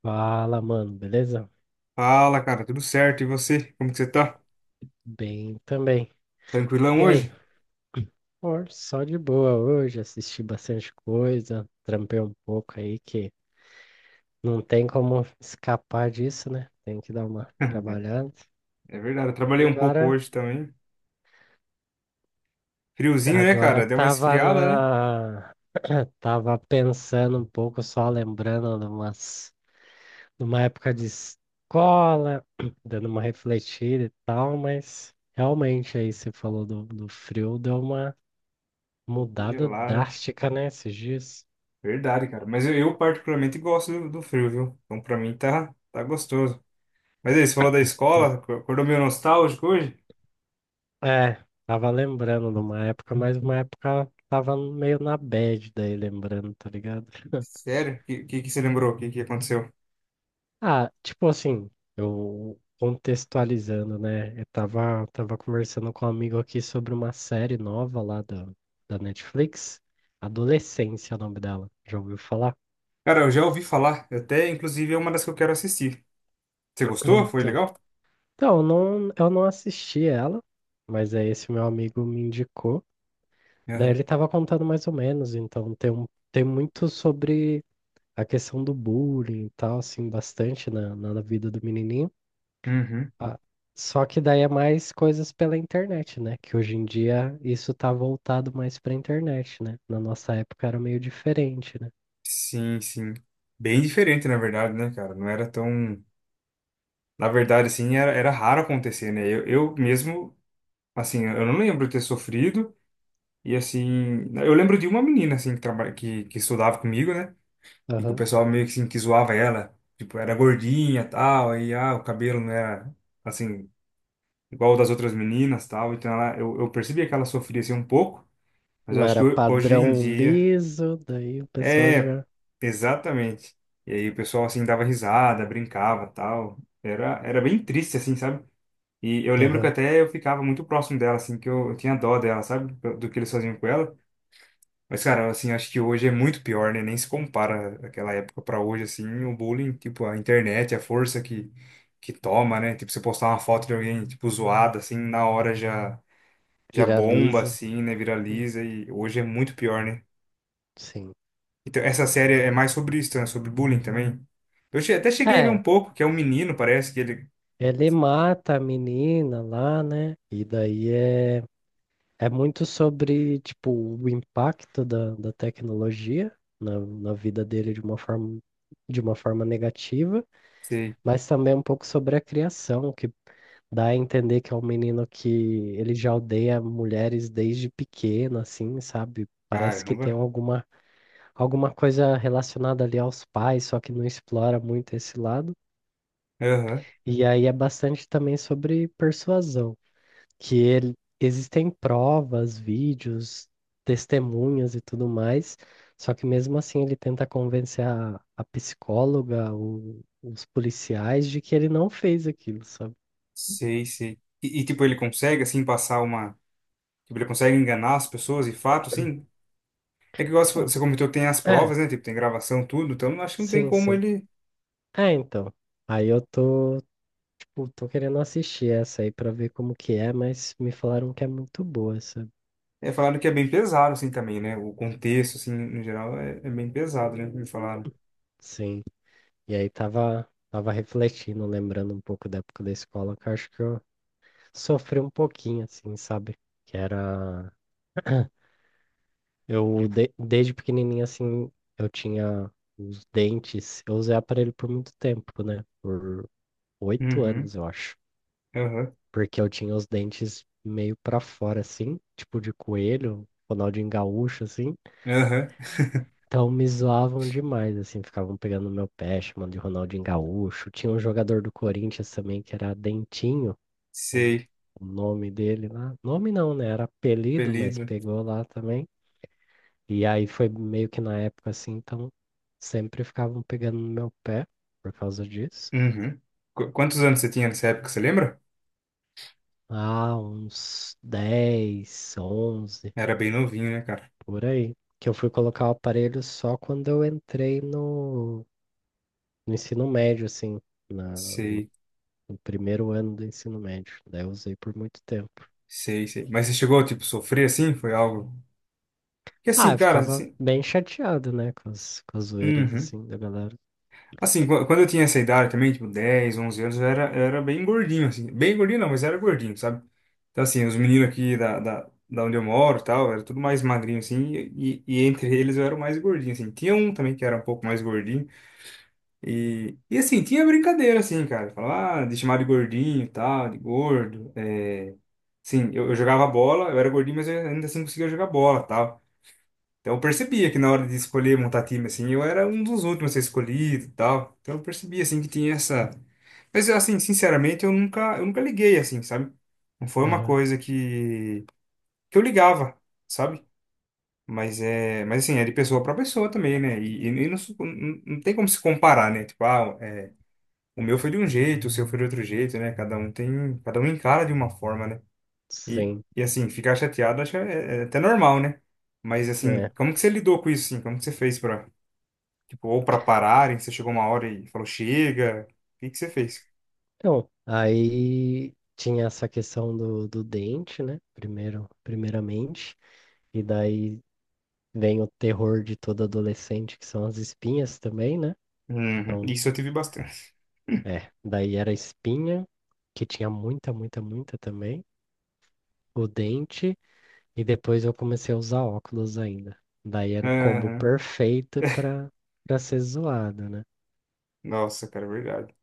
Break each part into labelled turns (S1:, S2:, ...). S1: Fala, mano, beleza?
S2: Fala, cara, tudo certo? E você? Como que você tá?
S1: Bem também.
S2: Tranquilão
S1: E aí?
S2: hoje?
S1: Pô, só de boa hoje, assisti bastante coisa, trampei um pouco aí que não tem como escapar disso, né? Tem que dar uma trabalhada.
S2: É verdade, eu
S1: E
S2: trabalhei um pouco
S1: agora,
S2: hoje também. Friozinho, né,
S1: agora
S2: cara? Deu uma
S1: tava
S2: esfriada, né?
S1: na, tava pensando um pouco, só lembrando de umas, de uma época de escola, dando uma refletida e tal, mas realmente aí você falou do frio, deu uma
S2: Deu uma
S1: mudada
S2: gelada.
S1: drástica, né, esses dias.
S2: Verdade, cara. Mas eu particularmente gosto do frio, viu? Então pra mim tá gostoso. Mas aí, você falou da
S1: Hum.
S2: escola, acordou meio nostálgico hoje?
S1: É, tava lembrando de uma época, mas uma época tava meio na bad daí, lembrando, tá ligado?
S2: Sério? O que, que você lembrou? O que, que aconteceu?
S1: Ah, tipo assim, eu contextualizando, né? Eu tava, tava conversando com um amigo aqui sobre uma série nova lá da Netflix, Adolescência é o nome dela. Já ouviu falar?
S2: Cara, eu já ouvi falar. Até, inclusive, é uma das que eu quero assistir. Você gostou? Foi
S1: Então,
S2: legal?
S1: então eu não assisti ela, mas aí esse meu amigo me indicou. Daí ele
S2: Aham.
S1: estava contando mais ou menos, então tem muito sobre a questão do bullying e tal, assim, bastante na, na vida do menininho.
S2: Uhum.
S1: Ah, só que daí é mais coisas pela internet, né? Que hoje em dia isso tá voltado mais pra internet, né? Na nossa época era meio diferente, né?
S2: Sim, sim. Bem diferente, na verdade, né, cara? Não era tão. Na verdade, assim, era raro acontecer, né? Eu mesmo, assim, eu não lembro de ter sofrido. E, assim, eu lembro de uma menina, assim, que estudava comigo, né? E que o
S1: Aham.
S2: pessoal meio que, assim, que zoava ela. Tipo, era gordinha e tal. Aí, ah, o cabelo não era, assim, igual o das outras meninas tal. Então, eu percebia que ela sofria, assim, um pouco. Mas
S1: Não
S2: eu acho que
S1: era
S2: hoje em
S1: padrão
S2: dia...
S1: liso, daí o pessoal
S2: É,
S1: já
S2: exatamente. E aí o pessoal, assim, dava risada, brincava tal. Era bem triste, assim, sabe? E eu lembro que
S1: aham,
S2: até eu ficava muito próximo dela, assim, que eu tinha dó dela, sabe? Do que eles faziam com ela. Mas, cara, assim, acho que hoje é muito pior, né? Nem se compara aquela época pra hoje, assim, o bullying, tipo, a internet, a força que toma, né? Tipo, você postar uma foto de alguém, tipo, zoada, assim, na hora já bomba,
S1: viraliza.
S2: assim, né?
S1: Hum,
S2: Viraliza e hoje é muito pior, né?
S1: Sim.
S2: Então, essa série é mais sobre isso, né? Sobre bullying também. Eu até cheguei a ver um
S1: É,
S2: pouco, que é um menino, parece que ele...
S1: ele mata a menina lá, né? E daí é. É muito sobre, tipo, o impacto da tecnologia na, na vida dele de uma forma negativa,
S2: Sei,
S1: mas também um pouco sobre a criação, que dá a entender que é um menino que ele já odeia mulheres desde pequeno, assim, sabe? Parece que tem
S2: caramba.
S1: alguma, alguma coisa relacionada ali aos pais, só que não explora muito esse lado.
S2: Aham.
S1: E aí é bastante também sobre persuasão que ele, existem provas, vídeos, testemunhas e tudo mais, só que mesmo assim ele tenta convencer a psicóloga, os policiais de que ele não fez aquilo, sabe?
S2: Sei, sei. Tipo, ele consegue, assim, passar uma. Tipo, ele consegue enganar as pessoas de fato, assim? É que igual você
S1: Hum,
S2: você comentou tem as
S1: É,
S2: provas, né? Tipo, tem gravação, tudo. Então, acho que não tem
S1: sim,
S2: como
S1: sim.
S2: ele.
S1: É, então. Aí eu tô, tipo, tô querendo assistir essa aí pra ver como que é, mas me falaram que é muito boa essa.
S2: É, falaram que é bem pesado, assim, também, né? O contexto, assim, no geral, é bem pesado, né? Me falaram.
S1: Sim. E aí tava, tava refletindo, lembrando um pouco da época da escola, que eu acho que eu sofri um pouquinho, assim, sabe? Que era. Eu, desde pequenininho, assim, eu tinha os dentes. Eu usei aparelho por muito tempo, né? Por oito
S2: Uhum,
S1: anos, eu acho.
S2: aham,
S1: Porque eu tinha os dentes meio pra fora, assim, tipo de coelho, Ronaldinho Gaúcho, assim.
S2: aham.
S1: Então me zoavam demais, assim, ficavam pegando no meu pé, chamando de Ronaldinho Gaúcho. Tinha um jogador do Corinthians também que era Dentinho. o
S2: Sei,
S1: o nome dele lá. Nome não, né? Era apelido, mas
S2: apelido.
S1: pegou lá também. E aí foi meio que na época assim, então sempre ficavam pegando no meu pé por causa disso.
S2: Uhum. Quantos anos você tinha nessa época, você lembra?
S1: Ah, uns 10 11
S2: Era bem novinho, né, cara?
S1: por aí. Que eu fui colocar o aparelho só quando eu entrei no, no ensino médio, assim, na,
S2: Sei,
S1: no primeiro ano do ensino médio. Daí eu usei por muito tempo.
S2: sei, sei. Mas você chegou, tipo, a sofrer assim? Foi algo. Que
S1: Ah,
S2: assim,
S1: eu
S2: cara,
S1: ficava
S2: assim.
S1: bem chateado, né, com as zoeiras,
S2: Uhum.
S1: assim, da galera.
S2: Assim, quando eu tinha essa idade também, tipo 10 11 anos, eu era bem gordinho, assim. Bem gordinho não, mas era gordinho, sabe? Então, assim, os meninos aqui da onde eu moro e tal, era tudo mais magrinho, assim, e entre eles eu era o mais gordinho, assim. Tinha um também que era um pouco mais gordinho, e assim, tinha brincadeira, assim, cara. Falar ah, de chamar de gordinho e tal, de gordo. É... Sim, eu jogava bola, eu era gordinho, mas eu ainda assim conseguia jogar bola e tal. Então eu percebia que na hora de escolher montar time, assim, eu era um dos últimos a ser escolhido e tal. Então eu percebia, assim, que tinha essa... Mas, assim, sinceramente, eu nunca liguei, assim, sabe? Não foi uma
S1: Aham.
S2: coisa que eu ligava, sabe? Mas, é, mas, assim, é de pessoa para pessoa também, né? E não, não tem como se comparar, né? Tipo, ah, é, o meu foi de um jeito, o seu foi de outro jeito, né? Cada um tem, cada um encara de uma forma, né? E,
S1: Sim,
S2: e assim, ficar chateado, acho que é até normal, né? Mas, assim,
S1: é.
S2: como que você lidou com isso, assim? Como que você fez para tipo, ou pra pararem, você chegou uma hora e falou, chega. O que que você fez?
S1: Então, aí tinha essa questão do dente, né? Primeiro, primeiramente, e daí vem o terror de todo adolescente, que são as espinhas também, né?
S2: Uhum.
S1: Então,
S2: Isso eu tive bastante.
S1: é, daí era a espinha, que tinha muita, muita, muita também, o dente, e depois eu comecei a usar óculos ainda. Daí era o combo
S2: Aham.
S1: perfeito para para ser zoado, né?
S2: Nossa, cara, é verdade.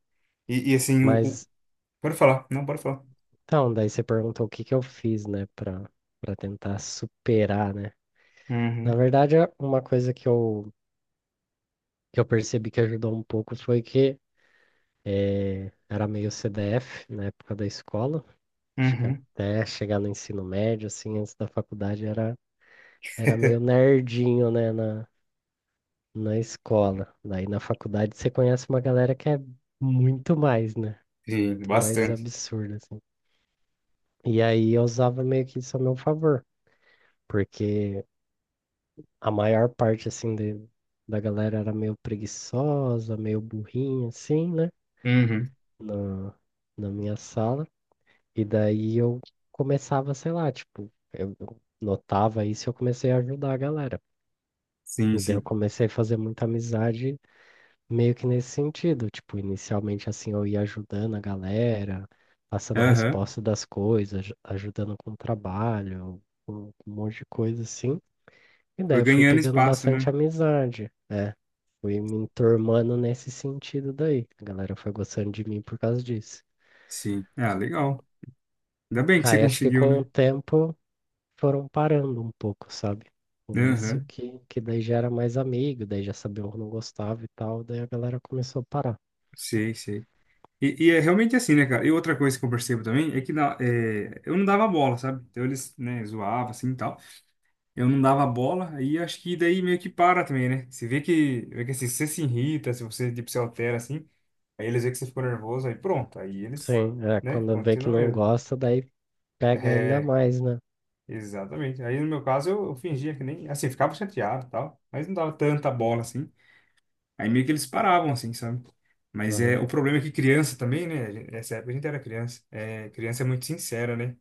S2: E assim,
S1: Mas,
S2: pode falar, não, pode falar.
S1: então, daí você perguntou o que que eu fiz, né, para para tentar superar, né? Na
S2: Uhum.
S1: verdade, uma coisa que eu percebi que ajudou um pouco foi que era meio CDF na época da escola. Acho que
S2: Uhum.
S1: até chegar no ensino médio, assim, antes da faculdade, era, era meio nerdinho, né, na, na escola. Daí na faculdade você conhece uma galera que é muito mais, né?
S2: Sim,
S1: Muito mais
S2: bastante.
S1: absurda, assim. E aí eu usava meio que isso a meu favor, porque a maior parte, assim, de, da galera era meio preguiçosa, meio burrinha, assim, né?
S2: Uhum.
S1: na, na minha sala, e daí eu começava, sei lá, tipo, eu notava isso e eu comecei a ajudar a galera.
S2: Sim,
S1: E daí eu
S2: sim.
S1: comecei a fazer muita amizade meio que nesse sentido, tipo, inicialmente assim eu ia ajudando a galera, passando
S2: Aham.
S1: resposta das coisas, ajudando com o trabalho, com um monte de coisa assim. E
S2: Foi
S1: daí eu fui
S2: ganhando
S1: pegando
S2: espaço,
S1: bastante
S2: né?
S1: amizade, é, fui me enturmando nesse sentido daí. A galera foi gostando de mim por causa disso.
S2: Sim. Ah, legal. Ainda bem que você
S1: Aí acho que
S2: conseguiu,
S1: com o
S2: né?
S1: tempo foram parando um pouco, sabe? Com isso
S2: Aham.
S1: que daí já era mais amigo, daí já sabia o que não gostava e tal, daí a galera começou a parar.
S2: Sei, sei. E é realmente assim, né, cara? E outra coisa que eu percebo também é que eu não dava bola, sabe? Então eles, né, zoavam assim e tal. Eu não dava bola, aí acho que daí meio que para também, né? Você vê que, assim, se você se irrita, se você tipo, se altera assim, aí eles veem que você ficou nervoso, aí pronto, aí eles,
S1: Sim, é,
S2: né,
S1: quando vê que
S2: continuam
S1: não
S2: mesmo.
S1: gosta, daí pega ainda
S2: É,
S1: mais, né?
S2: exatamente. Aí no meu caso eu fingia que nem, assim, ficava chateado e tal, mas não dava tanta bola assim. Aí meio que eles paravam assim, sabe? Mas é,
S1: Aham,
S2: o problema é que criança também, né? Nessa época a gente era criança. É, criança é muito sincera, né?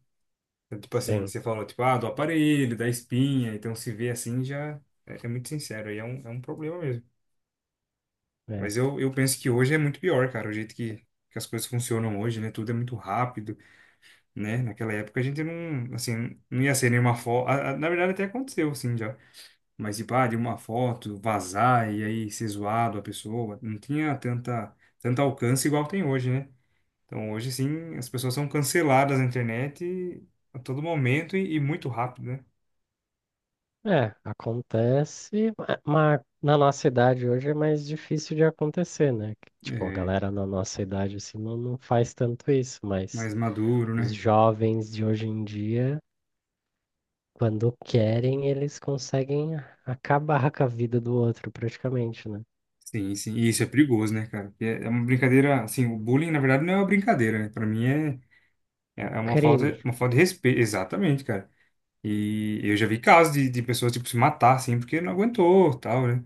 S2: Então, tipo assim,
S1: sim,
S2: você falou, tipo, ah, do aparelho, da espinha, então se vê assim já é muito sincero, aí é um problema mesmo.
S1: é.
S2: Mas eu penso que hoje é muito pior, cara, o jeito que as coisas funcionam hoje, né? Tudo é muito rápido, né? Naquela época a gente não, assim, não ia ser nenhuma foto. Na verdade até aconteceu, assim, já. Mas, tipo, ah, de uma foto vazar e aí ser zoado a pessoa, não tinha tanto alcance igual tem hoje, né? Então hoje, sim, as pessoas são canceladas na internet a todo momento e muito rápido, né?
S1: É, acontece, mas na nossa idade hoje é mais difícil de acontecer, né? Que, tipo, a
S2: É,
S1: galera na nossa idade assim não, não faz tanto isso, mas
S2: mais maduro,
S1: os
S2: né?
S1: jovens de hoje em dia quando querem, eles conseguem acabar com a vida do outro, praticamente, né?
S2: Sim, sim. E isso é perigoso, né, cara? Porque é uma brincadeira, assim, o bullying, na verdade, não é uma brincadeira, né? Pra mim é uma
S1: Crime.
S2: falta, uma falta de respeito. Exatamente, cara. E eu já vi casos de pessoas, tipo, se matar, assim, porque não aguentou, tal, né?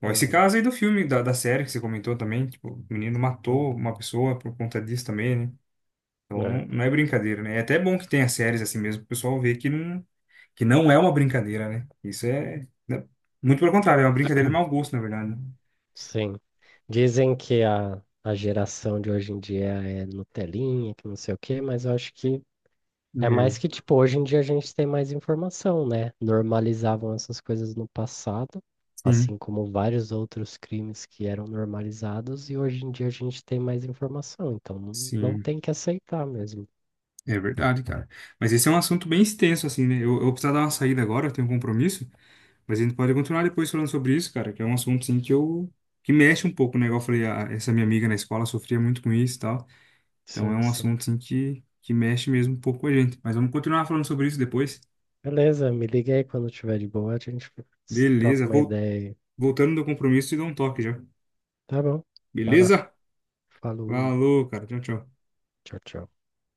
S2: Bom, esse
S1: Uhum.
S2: caso aí do filme, da série que você comentou também, tipo, o menino matou uma pessoa por conta disso também, né?
S1: É,
S2: Então
S1: é,
S2: não, não é brincadeira, né? É até bom que tenha séries assim mesmo, pro pessoal ver que não é uma brincadeira, né? Isso é, né? Muito pelo contrário, é uma brincadeira de mau gosto, na verdade, né?
S1: sim. Dizem que a geração de hoje em dia é Nutelinha, que não sei o quê, mas eu acho que é mais
S2: É,
S1: que, tipo, hoje em dia a gente tem mais informação, né? Normalizavam essas coisas no passado,
S2: sim,
S1: assim como vários outros crimes que eram normalizados, e hoje em dia a gente tem mais informação, então não, não
S2: sim,
S1: tem que aceitar mesmo.
S2: é verdade, cara. Mas esse é um assunto bem extenso, assim, né? Eu vou precisar dar uma saída agora, eu tenho um compromisso, mas a gente pode continuar depois falando sobre isso, cara, que é um assunto, assim, que eu... que mexe um pouco, né? Igual eu falei, essa minha amiga na escola sofria muito com isso e tal, então é
S1: Sim,
S2: um
S1: sim.
S2: assunto, assim, que mexe mesmo um pouco com a gente. Mas vamos continuar falando sobre isso depois.
S1: Beleza, me liga aí quando tiver de boa, a gente troca
S2: Beleza,
S1: uma ideia aí.
S2: Voltando do compromisso, e dou um toque já.
S1: Tá bom, vai lá.
S2: Beleza?
S1: Falou,
S2: Falou, cara, tchau, tchau.
S1: tchau, tchau.